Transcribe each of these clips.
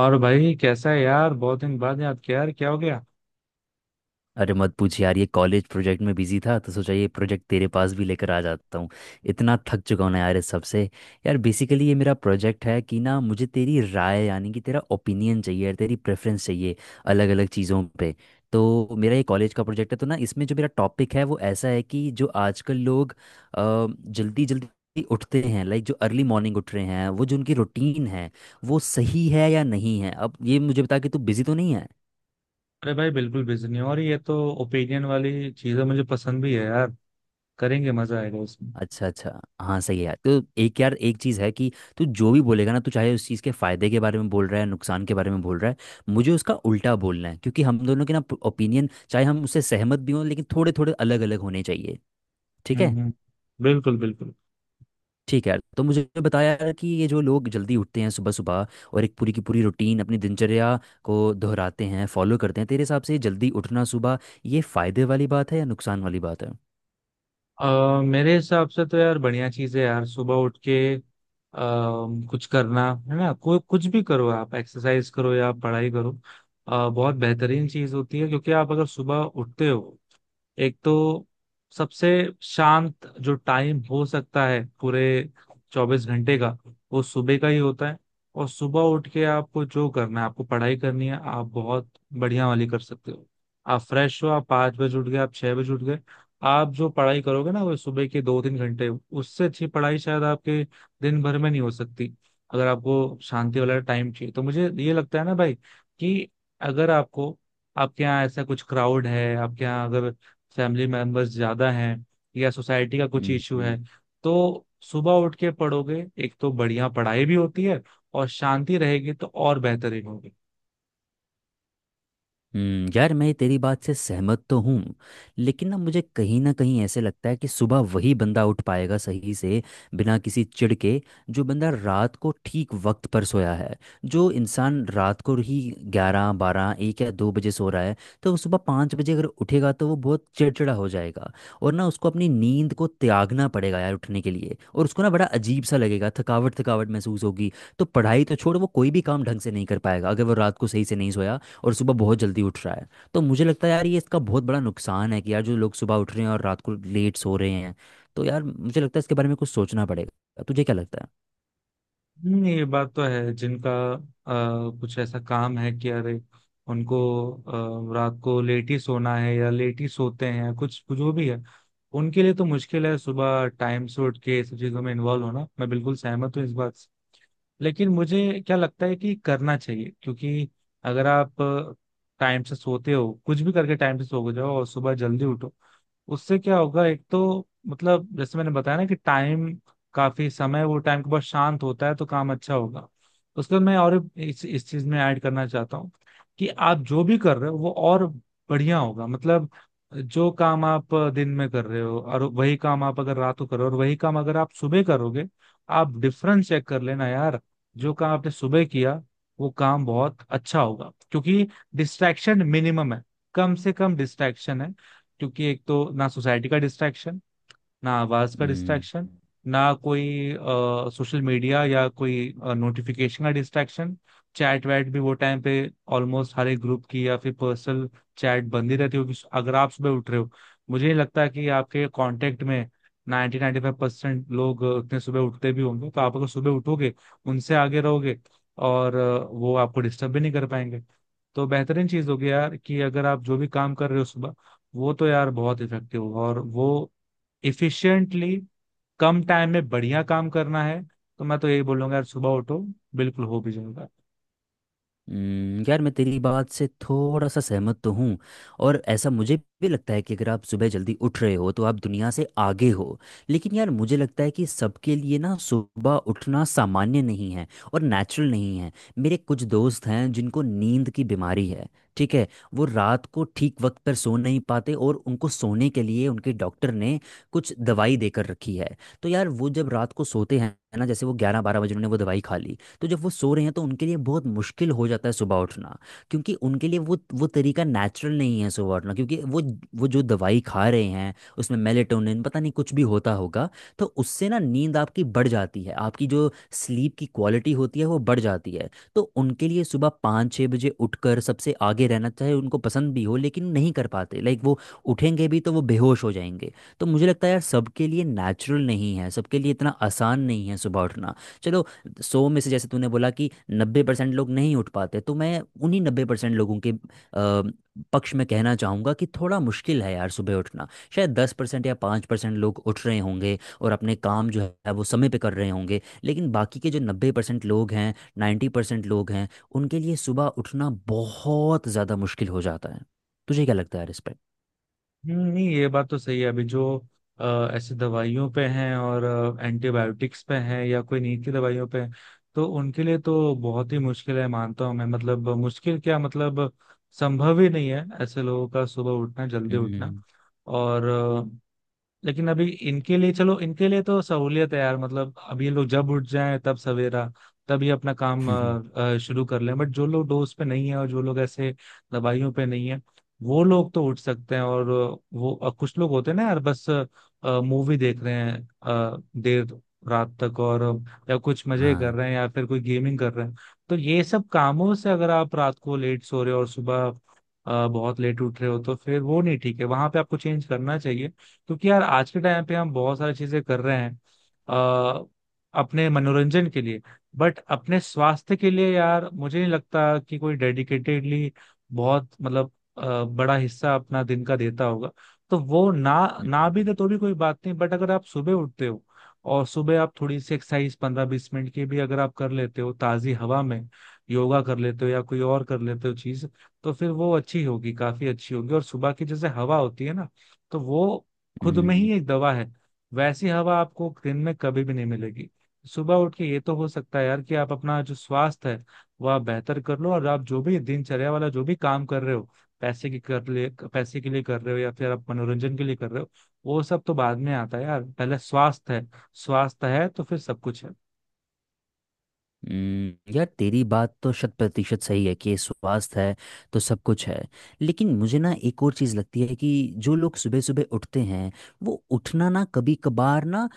और भाई, कैसा है यार? बहुत दिन बाद याद किया यार, क्या हो गया? अरे मत पूछ यार, ये कॉलेज प्रोजेक्ट में बिजी था तो सोचा ये प्रोजेक्ट तेरे पास भी लेकर आ जाता हूँ। इतना थक चुका हूँ ना यार इस सबसे। यार बेसिकली ये मेरा प्रोजेक्ट है कि ना, मुझे तेरी राय यानी कि तेरा ओपिनियन चाहिए यार, तेरी प्रेफरेंस चाहिए अलग अलग चीज़ों पे। तो मेरा ये कॉलेज का प्रोजेक्ट है, तो ना इसमें जो मेरा टॉपिक है वो ऐसा है कि जो आजकल लोग जल्दी जल्दी उठते हैं, लाइक जो अर्ली मॉर्निंग उठ रहे हैं, वो जो उनकी रूटीन है, वो सही है या नहीं है। अब ये मुझे बता कि तू बिजी तो नहीं है। अरे भाई, बिल्कुल बिजी नहीं हो। और ये तो ओपिनियन वाली चीजें मुझे पसंद भी है यार। करेंगे, मजा आएगा इसमें। अच्छा अच्छा। हाँ सही है यार। तो एक यार एक चीज़ है कि तू जो भी बोलेगा ना, तू चाहे उस चीज़ के फायदे के बारे में बोल रहा है नुकसान के बारे में बोल रहा है, मुझे उसका उल्टा बोलना है, क्योंकि हम दोनों के ना ओपिनियन, चाहे हम उससे सहमत भी हों, लेकिन थोड़े थोड़े अलग अलग होने चाहिए। ठीक है। हम्म, हम्म। बिल्कुल, बिल्कुल। ठीक है यार। तो मुझे बताया यार कि ये जो लोग जल्दी उठते हैं सुबह सुबह, और एक पूरी की पूरी रूटीन अपनी दिनचर्या को दोहराते हैं फॉलो करते हैं, तेरे हिसाब से जल्दी उठना सुबह, ये फायदे वाली बात है या नुकसान वाली बात है? मेरे हिसाब से तो यार बढ़िया चीज है यार। सुबह उठ के कुछ करना है ना, कोई कुछ भी करो, आप एक्सरसाइज करो या पढ़ाई करो। बहुत बेहतरीन चीज होती है, क्योंकि आप अगर सुबह उठते हो, एक तो सबसे शांत जो टाइम हो सकता है पूरे 24 घंटे का, वो सुबह का ही होता है। और सुबह उठ के आपको जो करना है, आपको पढ़ाई करनी है, आप बहुत बढ़िया वाली कर सकते हो। आप फ्रेश हो, आप 5 बजे उठ गए, आप 6 बजे उठ गए, आप जो पढ़ाई करोगे ना वो सुबह के 2-3 घंटे, उससे अच्छी पढ़ाई शायद आपके दिन भर में नहीं हो सकती। अगर आपको शांति वाला टाइम चाहिए तो मुझे ये लगता है ना भाई कि अगर आपको आपके यहाँ ऐसा कुछ क्राउड है, आपके यहाँ अगर फैमिली मेंबर्स ज्यादा हैं या सोसाइटी का कुछ हम्म इशू है, हम्म। तो सुबह उठ के पढ़ोगे, एक तो बढ़िया पढ़ाई भी होती है और शांति रहेगी तो और बेहतरीन होगी। हम्म, यार मैं तेरी बात से सहमत तो हूँ, लेकिन ना मुझे कहीं ना कहीं ऐसे लगता है कि सुबह वही बंदा उठ पाएगा सही से, बिना किसी चिढ़ के, जो बंदा रात को ठीक वक्त पर सोया है। जो इंसान रात को ही 11 12 1 या 2 बजे सो रहा है, तो वो सुबह 5 बजे अगर उठेगा तो वो बहुत चिड़चिड़ा हो जाएगा, और ना उसको अपनी नींद को त्यागना पड़ेगा यार उठने के लिए, और उसको ना बड़ा अजीब सा लगेगा, थकावट थकावट महसूस होगी। तो पढ़ाई तो छोड़, वो कोई भी काम ढंग से नहीं कर पाएगा अगर वो रात को सही से नहीं सोया और सुबह बहुत जल्दी उठ रहा है। तो मुझे लगता है यार ये इसका बहुत बड़ा नुकसान है कि यार जो लोग सुबह उठ रहे हैं और रात को लेट सो रहे हैं। तो यार मुझे लगता है इसके बारे में कुछ सोचना पड़ेगा। तुझे क्या लगता ये बात तो है। जिनका कुछ ऐसा काम है कि अरे उनको रात को लेट ही सोना है, या लेट ही सोते हैं, या कुछ कुछ जो भी है, उनके लिए तो मुश्किल है सुबह टाइम से उठ के ये सब चीजों में इन्वॉल्व होना। मैं बिल्कुल सहमत हूँ इस बात। लेकिन मुझे क्या लगता है कि करना चाहिए, क्योंकि अगर आप टाइम से सोते हो, कुछ भी करके टाइम से सो जाओ और सुबह जल्दी उठो। उससे क्या होगा, एक तो मतलब जैसे मैंने बताया ना कि टाइम, काफी समय वो टाइम के बाद शांत होता है, तो काम अच्छा होगा। उसके बाद मैं और इस चीज में ऐड करना चाहता हूँ कि आप जो भी कर रहे हो वो और बढ़िया होगा। मतलब, जो काम आप दिन में कर रहे हो और वही काम आप अगर रात को करो और वही काम अगर आप सुबह करोगे, आप डिफरेंस चेक कर लेना यार। जो काम आपने सुबह किया वो काम बहुत अच्छा होगा, क्योंकि डिस्ट्रैक्शन मिनिमम है, कम से कम डिस्ट्रैक्शन है। क्योंकि एक तो ना सोसाइटी का डिस्ट्रैक्शन, ना आवाज का है? डिस्ट्रैक्शन, ना कोई सोशल मीडिया या कोई नोटिफिकेशन का डिस्ट्रैक्शन। चैट वैट भी वो टाइम पे ऑलमोस्ट हर एक ग्रुप की या फिर पर्सनल चैट बंद ही रहती होगी, अगर आप सुबह उठ रहे हो। मुझे नहीं लगता कि आपके कांटेक्ट में 90-95% लोग उतने सुबह उठते भी होंगे। तो आप अगर सुबह उठोगे, उनसे आगे रहोगे, और वो आपको डिस्टर्ब भी नहीं कर पाएंगे। तो बेहतरीन चीज होगी यार कि अगर आप जो भी काम कर रहे हो सुबह, वो तो यार बहुत इफेक्टिव होगा, और वो इफिशिएंटली कम टाइम में बढ़िया काम करना है। तो मैं तो यही बोलूंगा यार, सुबह उठो, बिल्कुल हो भी जाएगा। यार मैं तेरी बात से थोड़ा सा सहमत तो हूँ, और ऐसा मुझे भी लगता है कि अगर आप सुबह जल्दी उठ रहे हो तो आप दुनिया से आगे हो। लेकिन यार मुझे लगता है कि सबके लिए ना सुबह उठना सामान्य नहीं है और नेचुरल नहीं है। मेरे कुछ दोस्त हैं जिनको नींद की बीमारी है, ठीक है। वो रात को ठीक वक्त पर सो नहीं पाते, और उनको सोने के लिए उनके डॉक्टर ने कुछ दवाई देकर रखी है। तो यार वो जब रात को सोते हैं ना, जैसे वो 11 12 बजे उन्होंने वो दवाई खा ली, तो जब वो सो रहे हैं तो उनके लिए बहुत मुश्किल हो जाता है सुबह उठना, क्योंकि उनके लिए वो तरीका नेचुरल नहीं है सुबह उठना, क्योंकि वो जो दवाई खा रहे हैं उसमें मेलेटोनिन पता नहीं कुछ भी होता होगा। तो उससे ना नींद आपकी बढ़ जाती है, आपकी जो स्लीप की क्वालिटी होती है वो बढ़ जाती है। तो उनके लिए सुबह 5 6 बजे उठकर सबसे आगे रहना, चाहे उनको पसंद भी हो, लेकिन नहीं कर पाते, लाइक वो उठेंगे भी तो वो बेहोश हो जाएंगे। तो मुझे लगता है यार सबके लिए नेचुरल नहीं है, सबके लिए इतना आसान नहीं है सुबह उठना। चलो, 100 में से जैसे तूने बोला कि 90% लोग नहीं उठ पाते, तो मैं उन्हीं 90% लोगों के पक्ष में कहना चाहूँगा कि थोड़ा मुश्किल है यार सुबह उठना। शायद 10% या 5% लोग उठ रहे होंगे और अपने काम जो है वो समय पे कर रहे होंगे, लेकिन बाकी के जो 90% लोग हैं, 90% लोग हैं, उनके लिए सुबह उठना बहुत ज़्यादा मुश्किल हो जाता है। तुझे क्या लगता है यार इस पर? नहीं ये बात तो सही है। अभी जो ऐसे दवाइयों पे हैं और एंटीबायोटिक्स पे हैं या कोई नींद की दवाइयों पे हैं, तो उनके लिए तो बहुत ही मुश्किल है, मानता हूँ मैं। मतलब मुश्किल क्या, मतलब संभव ही नहीं है ऐसे लोगों का सुबह उठना, जल्दी उठना। हम्म, और लेकिन अभी इनके लिए, चलो इनके लिए तो सहूलियत है यार, मतलब अब ये लोग जब उठ जाएं तब सवेरा, तब ये अपना काम शुरू कर लें। बट जो लोग डोज पे नहीं है और जो लोग ऐसे दवाइयों पे नहीं है, वो लोग तो उठ सकते हैं। और वो, कुछ लोग होते हैं ना यार, बस मूवी देख रहे हैं देर रात तक, और या कुछ मजे कर हाँ। रहे हैं या फिर कोई गेमिंग कर रहे हैं। तो ये सब कामों से अगर आप रात को लेट सो रहे हो और सुबह बहुत लेट उठ रहे हो, तो फिर वो नहीं ठीक है, वहां पे आपको चेंज करना चाहिए। क्योंकि यार आज के टाइम पे हम बहुत सारी चीजें कर रहे हैं आ, अपने मनोरंजन के लिए। बट अपने स्वास्थ्य के लिए यार मुझे नहीं लगता कि कोई डेडिकेटेडली, बहुत मतलब बड़ा हिस्सा अपना दिन का देता होगा। तो वो ना ना भी हम्म, दे तो भी कोई बात नहीं। बट अगर आप सुबह उठते हो और सुबह आप थोड़ी सी एक्सरसाइज 15-20 मिनट की भी अगर आप कर लेते हो ताजी हवा में, योगा कर लेते हो या कोई और कर लेते हो चीज, तो फिर वो अच्छी होगी, काफी अच्छी होगी। और सुबह की जैसे हवा होती है ना, तो वो खुद में हम्म, ही एक दवा है। वैसी हवा आपको दिन में कभी भी नहीं मिलेगी। सुबह उठ के ये तो हो सकता है यार कि आप अपना जो स्वास्थ्य है वह आप बेहतर कर लो, और आप जो भी दिनचर्या वाला जो भी काम कर रहे हो, पैसे के लिए कर रहे हो या फिर आप मनोरंजन के लिए कर रहे हो, वो सब तो बाद में आता है यार। पहले स्वास्थ्य है, स्वास्थ्य है तो फिर सब कुछ है। यार तेरी बात तो 100% सही है कि स्वास्थ्य है तो सब कुछ है। लेकिन मुझे ना एक और चीज़ लगती है कि जो लोग सुबह सुबह उठते हैं, वो उठना ना कभी कभार ना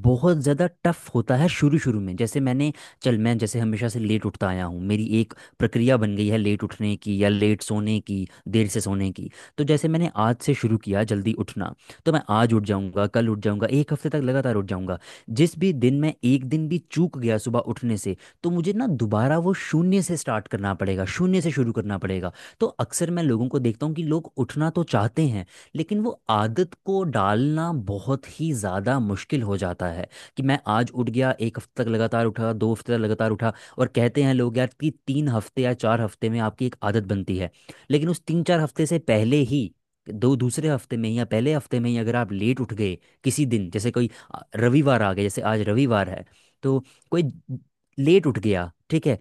बहुत ज़्यादा टफ होता है शुरू शुरू में, जैसे मैंने, चल मैं जैसे हमेशा से लेट उठता आया हूँ, मेरी एक प्रक्रिया बन गई है लेट उठने की या लेट सोने की, देर से सोने की। तो जैसे मैंने आज से शुरू किया जल्दी उठना, तो मैं आज उठ जाऊँगा, कल उठ जाऊँगा, 1 हफ्ते तक लगातार उठ जाऊँगा। जिस भी दिन मैं एक दिन भी चूक गया सुबह उठने से, तो मुझे ना दोबारा वो शून्य से स्टार्ट करना पड़ेगा, शून्य से शुरू करना पड़ेगा। तो अक्सर मैं लोगों को देखता हूँ कि लोग उठना तो चाहते हैं, लेकिन वो आदत को डालना बहुत ही ज़्यादा मुश्किल हो जाता है। कि मैं आज उठ गया, एक हफ्ते तक लगातार उठा, 2 हफ्ते तक लगातार उठा, और कहते हैं लोग यार कि 3 हफ्ते या 4 हफ्ते में आपकी एक आदत बनती है। लेकिन उस 3 4 हफ्ते से पहले ही, दो दूसरे हफ्ते में या पहले हफ्ते में ही अगर आप लेट उठ गए किसी दिन, जैसे कोई रविवार आ गया, जैसे आज रविवार है, तो कोई लेट उठ गया, ठीक है।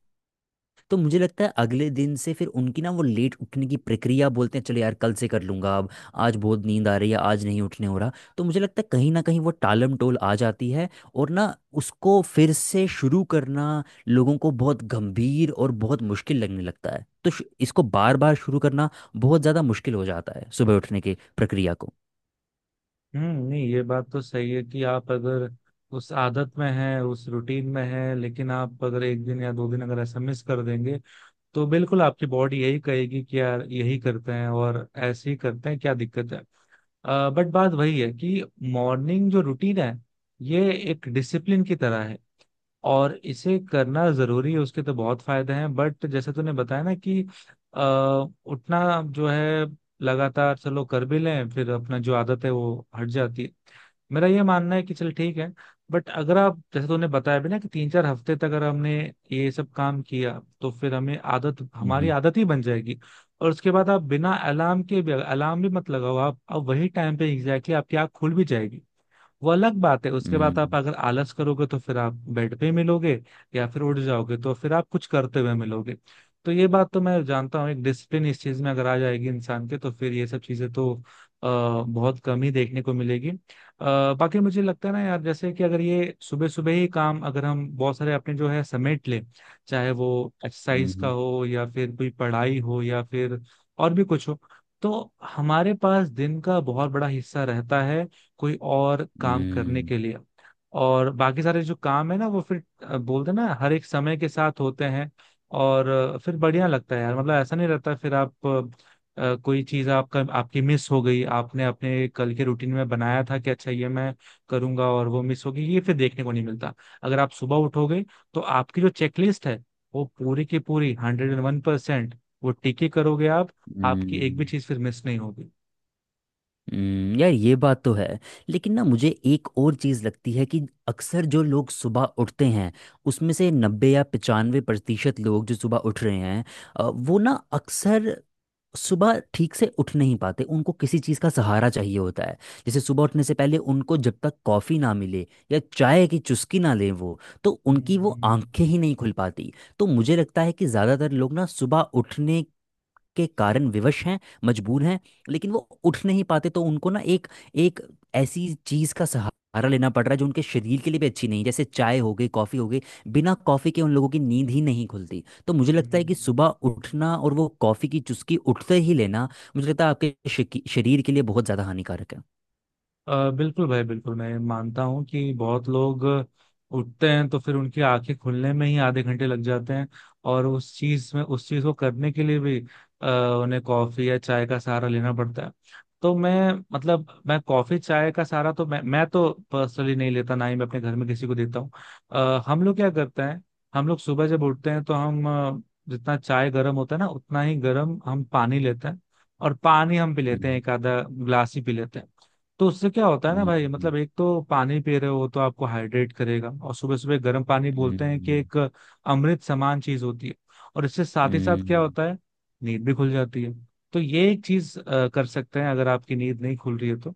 तो मुझे लगता है अगले दिन से फिर उनकी ना वो लेट उठने की प्रक्रिया, बोलते हैं चलो यार कल से कर लूंगा अब, आज बहुत नींद आ रही है, आज नहीं उठने हो रहा, तो मुझे लगता है कहीं ना कहीं वो टालम टोल आ जाती है। और ना उसको फिर से शुरू करना लोगों को बहुत गंभीर और बहुत मुश्किल लगने लगता है, तो इसको बार बार शुरू करना बहुत ज़्यादा मुश्किल हो जाता है, सुबह उठने की प्रक्रिया को। हम्म, नहीं ये बात तो सही है कि आप अगर उस आदत में हैं, उस रूटीन में हैं, लेकिन आप अगर एक दिन या दो दिन अगर ऐसा मिस कर देंगे, तो बिल्कुल आपकी बॉडी यही कहेगी कि यार यही करते हैं और ऐसे ही करते हैं, क्या दिक्कत है। बट बात वही है कि मॉर्निंग जो रूटीन है, ये एक डिसिप्लिन की तरह है और इसे करना जरूरी है, उसके तो बहुत फायदे हैं। बट जैसे तूने बताया ना कि आ, उठना जो है, लगातार चलो कर भी लें, फिर अपना जो आदत है वो हट जाती है। मेरा ये मानना है कि चल ठीक है। बट अगर आप, जैसे तूने बताया भी ना, कि 3-4 हफ्ते तक अगर हमने ये सब काम किया, तो फिर हमें आदत हमारी हम्म आदत ही बन जाएगी। और उसके बाद आप बिना अलार्म के भी, अलार्म भी मत लगाओ आप, अब वही टाइम पे एग्जैक्टली आपकी आँख खुल भी जाएगी। वो अलग बात है, उसके बाद आप हम्म अगर आलस करोगे तो फिर आप बेड पे मिलोगे, या फिर उठ जाओगे तो फिर आप कुछ करते हुए मिलोगे। तो ये बात तो मैं जानता हूँ, एक डिसिप्लिन इस चीज में अगर आ जाएगी इंसान के, तो फिर ये सब चीजें तो बहुत कम ही देखने को मिलेगी। बाकी मुझे लगता है ना यार, जैसे कि अगर ये सुबह सुबह ही काम अगर हम बहुत सारे अपने जो है समेट लें, चाहे वो एक्सरसाइज का हम्म हो या फिर कोई पढ़ाई हो या फिर और भी कुछ हो, तो हमारे पास दिन का बहुत बड़ा हिस्सा रहता है, कोई और काम करने हम्म के लिए। और बाकी सारे जो काम है ना, वो फिर बोलते हैं ना, हर एक समय के साथ होते हैं। और फिर बढ़िया लगता है यार, मतलब ऐसा नहीं रहता फिर। आप कोई चीज आपका आपकी मिस हो गई, आपने अपने कल के रूटीन में बनाया था कि अच्छा ये मैं करूंगा, और वो मिस हो गई, ये फिर देखने को नहीं मिलता। अगर आप सुबह उठोगे, तो आपकी जो चेकलिस्ट है वो पूरी की पूरी 101%, वो टिके करोगे आप। आपकी एक भी हम्म चीज फिर मिस नहीं होगी। यार ये बात तो है। लेकिन ना मुझे एक और चीज़ लगती है कि अक्सर जो लोग सुबह उठते हैं, उसमें से नब्बे या 95% लोग जो सुबह उठ रहे हैं, वो ना अक्सर सुबह ठीक से उठ नहीं पाते, उनको किसी चीज़ का सहारा चाहिए होता है। जैसे सुबह उठने से पहले उनको जब तक कॉफ़ी ना मिले या चाय की चुस्की ना लें वो, तो हम्म, उनकी वो हम्म, आंखें ही नहीं खुल पाती। तो मुझे लगता है कि ज़्यादातर लोग ना सुबह उठने के कारण विवश हैं, मजबूर हैं, लेकिन वो उठ नहीं पाते, तो उनको ना एक एक ऐसी चीज का सहारा लेना पड़ रहा है जो उनके शरीर के लिए भी अच्छी नहीं है, जैसे चाय हो गई, कॉफी हो गई। बिना कॉफी के उन लोगों की नींद ही नहीं खुलती, तो मुझे लगता है कि हम्म। सुबह उठना और वो कॉफी की चुस्की उठते ही लेना, मुझे लगता है आपके शरीर के लिए बहुत ज्यादा हानिकारक है। बिल्कुल भाई, बिल्कुल। मैं मानता हूँ कि बहुत लोग उठते हैं तो फिर उनकी आंखें खुलने में ही आधे घंटे लग जाते हैं, और उस चीज को करने के लिए भी अ, उन्हें कॉफी या चाय का सहारा लेना पड़ता है। तो मैं, मतलब मैं कॉफी चाय का सहारा तो मैं तो पर्सनली नहीं लेता, ना ही मैं अपने घर में किसी को देता हूँ। हम लोग क्या करते हैं, हम लोग सुबह जब उठते हैं तो हम जितना चाय गर्म होता है ना उतना ही गर्म हम पानी लेते हैं। और पानी हम पी लेते हैं, हम्म, एक आधा ग्लास ही पी लेते हैं। तो उससे क्या होता है ना भाई, हम्म, मतलब एक तो पानी पी रहे हो तो आपको हाइड्रेट करेगा, और सुबह सुबह गर्म पानी बोलते हैं कि हम्म, एक अमृत समान चीज होती है। और इससे साथ ही साथ क्या हम्म, होता है, नींद भी खुल जाती है। तो ये एक चीज कर सकते हैं, अगर आपकी नींद नहीं खुल रही है तो।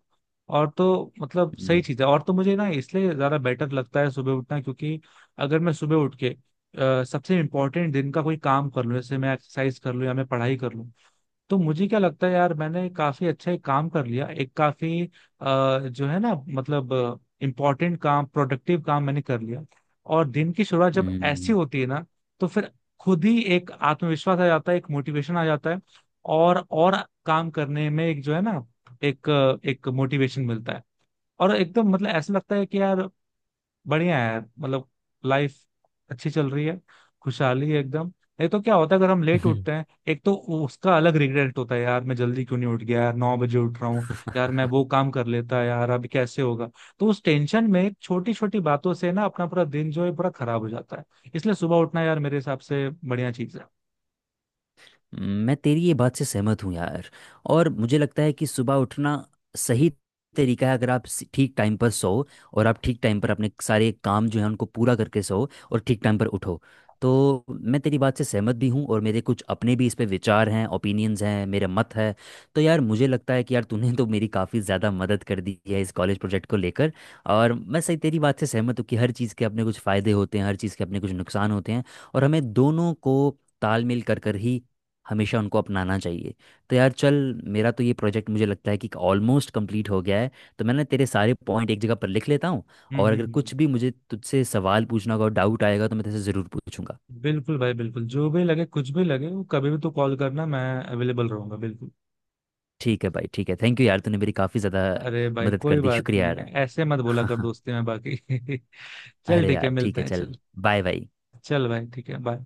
और तो मतलब सही हम्म, चीज है। और तो मुझे ना इसलिए ज्यादा बेटर लगता है सुबह उठना, क्योंकि अगर मैं सुबह उठ के सबसे इम्पोर्टेंट दिन का कोई काम कर लूँ, जैसे मैं एक्सरसाइज कर लूँ या मैं पढ़ाई कर लूँ, तो मुझे क्या लगता है यार, मैंने काफी अच्छा एक काम कर लिया, एक काफी जो है ना, मतलब इम्पोर्टेंट काम, प्रोडक्टिव काम मैंने कर लिया। और दिन की शुरुआत जब हम्म, ऐसी हम्म, होती है ना, तो फिर खुद ही एक आत्मविश्वास आ जाता है, एक मोटिवेशन आ जाता है। और काम करने में एक जो है ना, एक एक मोटिवेशन मिलता है। और एकदम मतलब ऐसा लगता है कि यार बढ़िया है, मतलब लाइफ अच्छी चल रही है, खुशहाली है एकदम। नहीं तो क्या होता है अगर हम लेट उठते हैं, एक तो उसका अलग रिग्रेट होता है, यार मैं जल्दी क्यों नहीं उठ गया, यार 9 बजे उठ रहा हूँ, यार मैं वो काम कर लेता, यार अभी कैसे होगा। तो उस टेंशन में छोटी छोटी बातों से ना अपना पूरा दिन जो है पूरा खराब हो जाता है। इसलिए सुबह उठना यार मेरे हिसाब से बढ़िया चीज है। मैं तेरी ये बात से सहमत हूँ यार, और मुझे लगता है कि सुबह उठना सही तरीका है, अगर आप ठीक टाइम पर सो, और आप ठीक टाइम पर अपने सारे काम जो है उनको पूरा करके सो, और ठीक टाइम पर उठो, तो मैं तेरी बात से सहमत भी हूँ, और मेरे कुछ अपने भी इस पे विचार हैं, ओपिनियंस हैं, मेरे मत है। तो यार मुझे लगता है कि यार तूने तो मेरी काफ़ी ज़्यादा मदद कर दी है इस कॉलेज प्रोजेक्ट को लेकर, और मैं सही तेरी बात से सहमत हूँ कि हर चीज़ के अपने कुछ फ़ायदे होते हैं, हर चीज़ के अपने कुछ नुकसान होते हैं, और हमें दोनों को तालमेल कर कर ही हमेशा उनको अपनाना चाहिए। तो यार चल, मेरा तो ये प्रोजेक्ट मुझे लगता है कि ऑलमोस्ट कंप्लीट हो गया है, तो मैं ना तेरे सारे पॉइंट एक जगह पर लिख लेता हूँ, हम्म, और हम्म, अगर कुछ भी मुझे तुझसे सवाल पूछना होगा, डाउट आएगा, तो मैं तेरे से ज़रूर पूछूंगा। बिल्कुल भाई, बिल्कुल। जो भी लगे, कुछ भी लगे वो, कभी भी तो कॉल करना, मैं अवेलेबल रहूंगा बिल्कुल। ठीक है भाई, ठीक है, थैंक यू यार, तूने मेरी काफ़ी ज़्यादा अरे भाई मदद कोई कर दी, बात शुक्रिया नहीं, यार। ऐसे मत बोला कर दोस्ती में बाकी। चल अरे ठीक है, यार ठीक मिलते है हैं, चल, चल। Bye bye. चल भाई, ठीक है, बाय।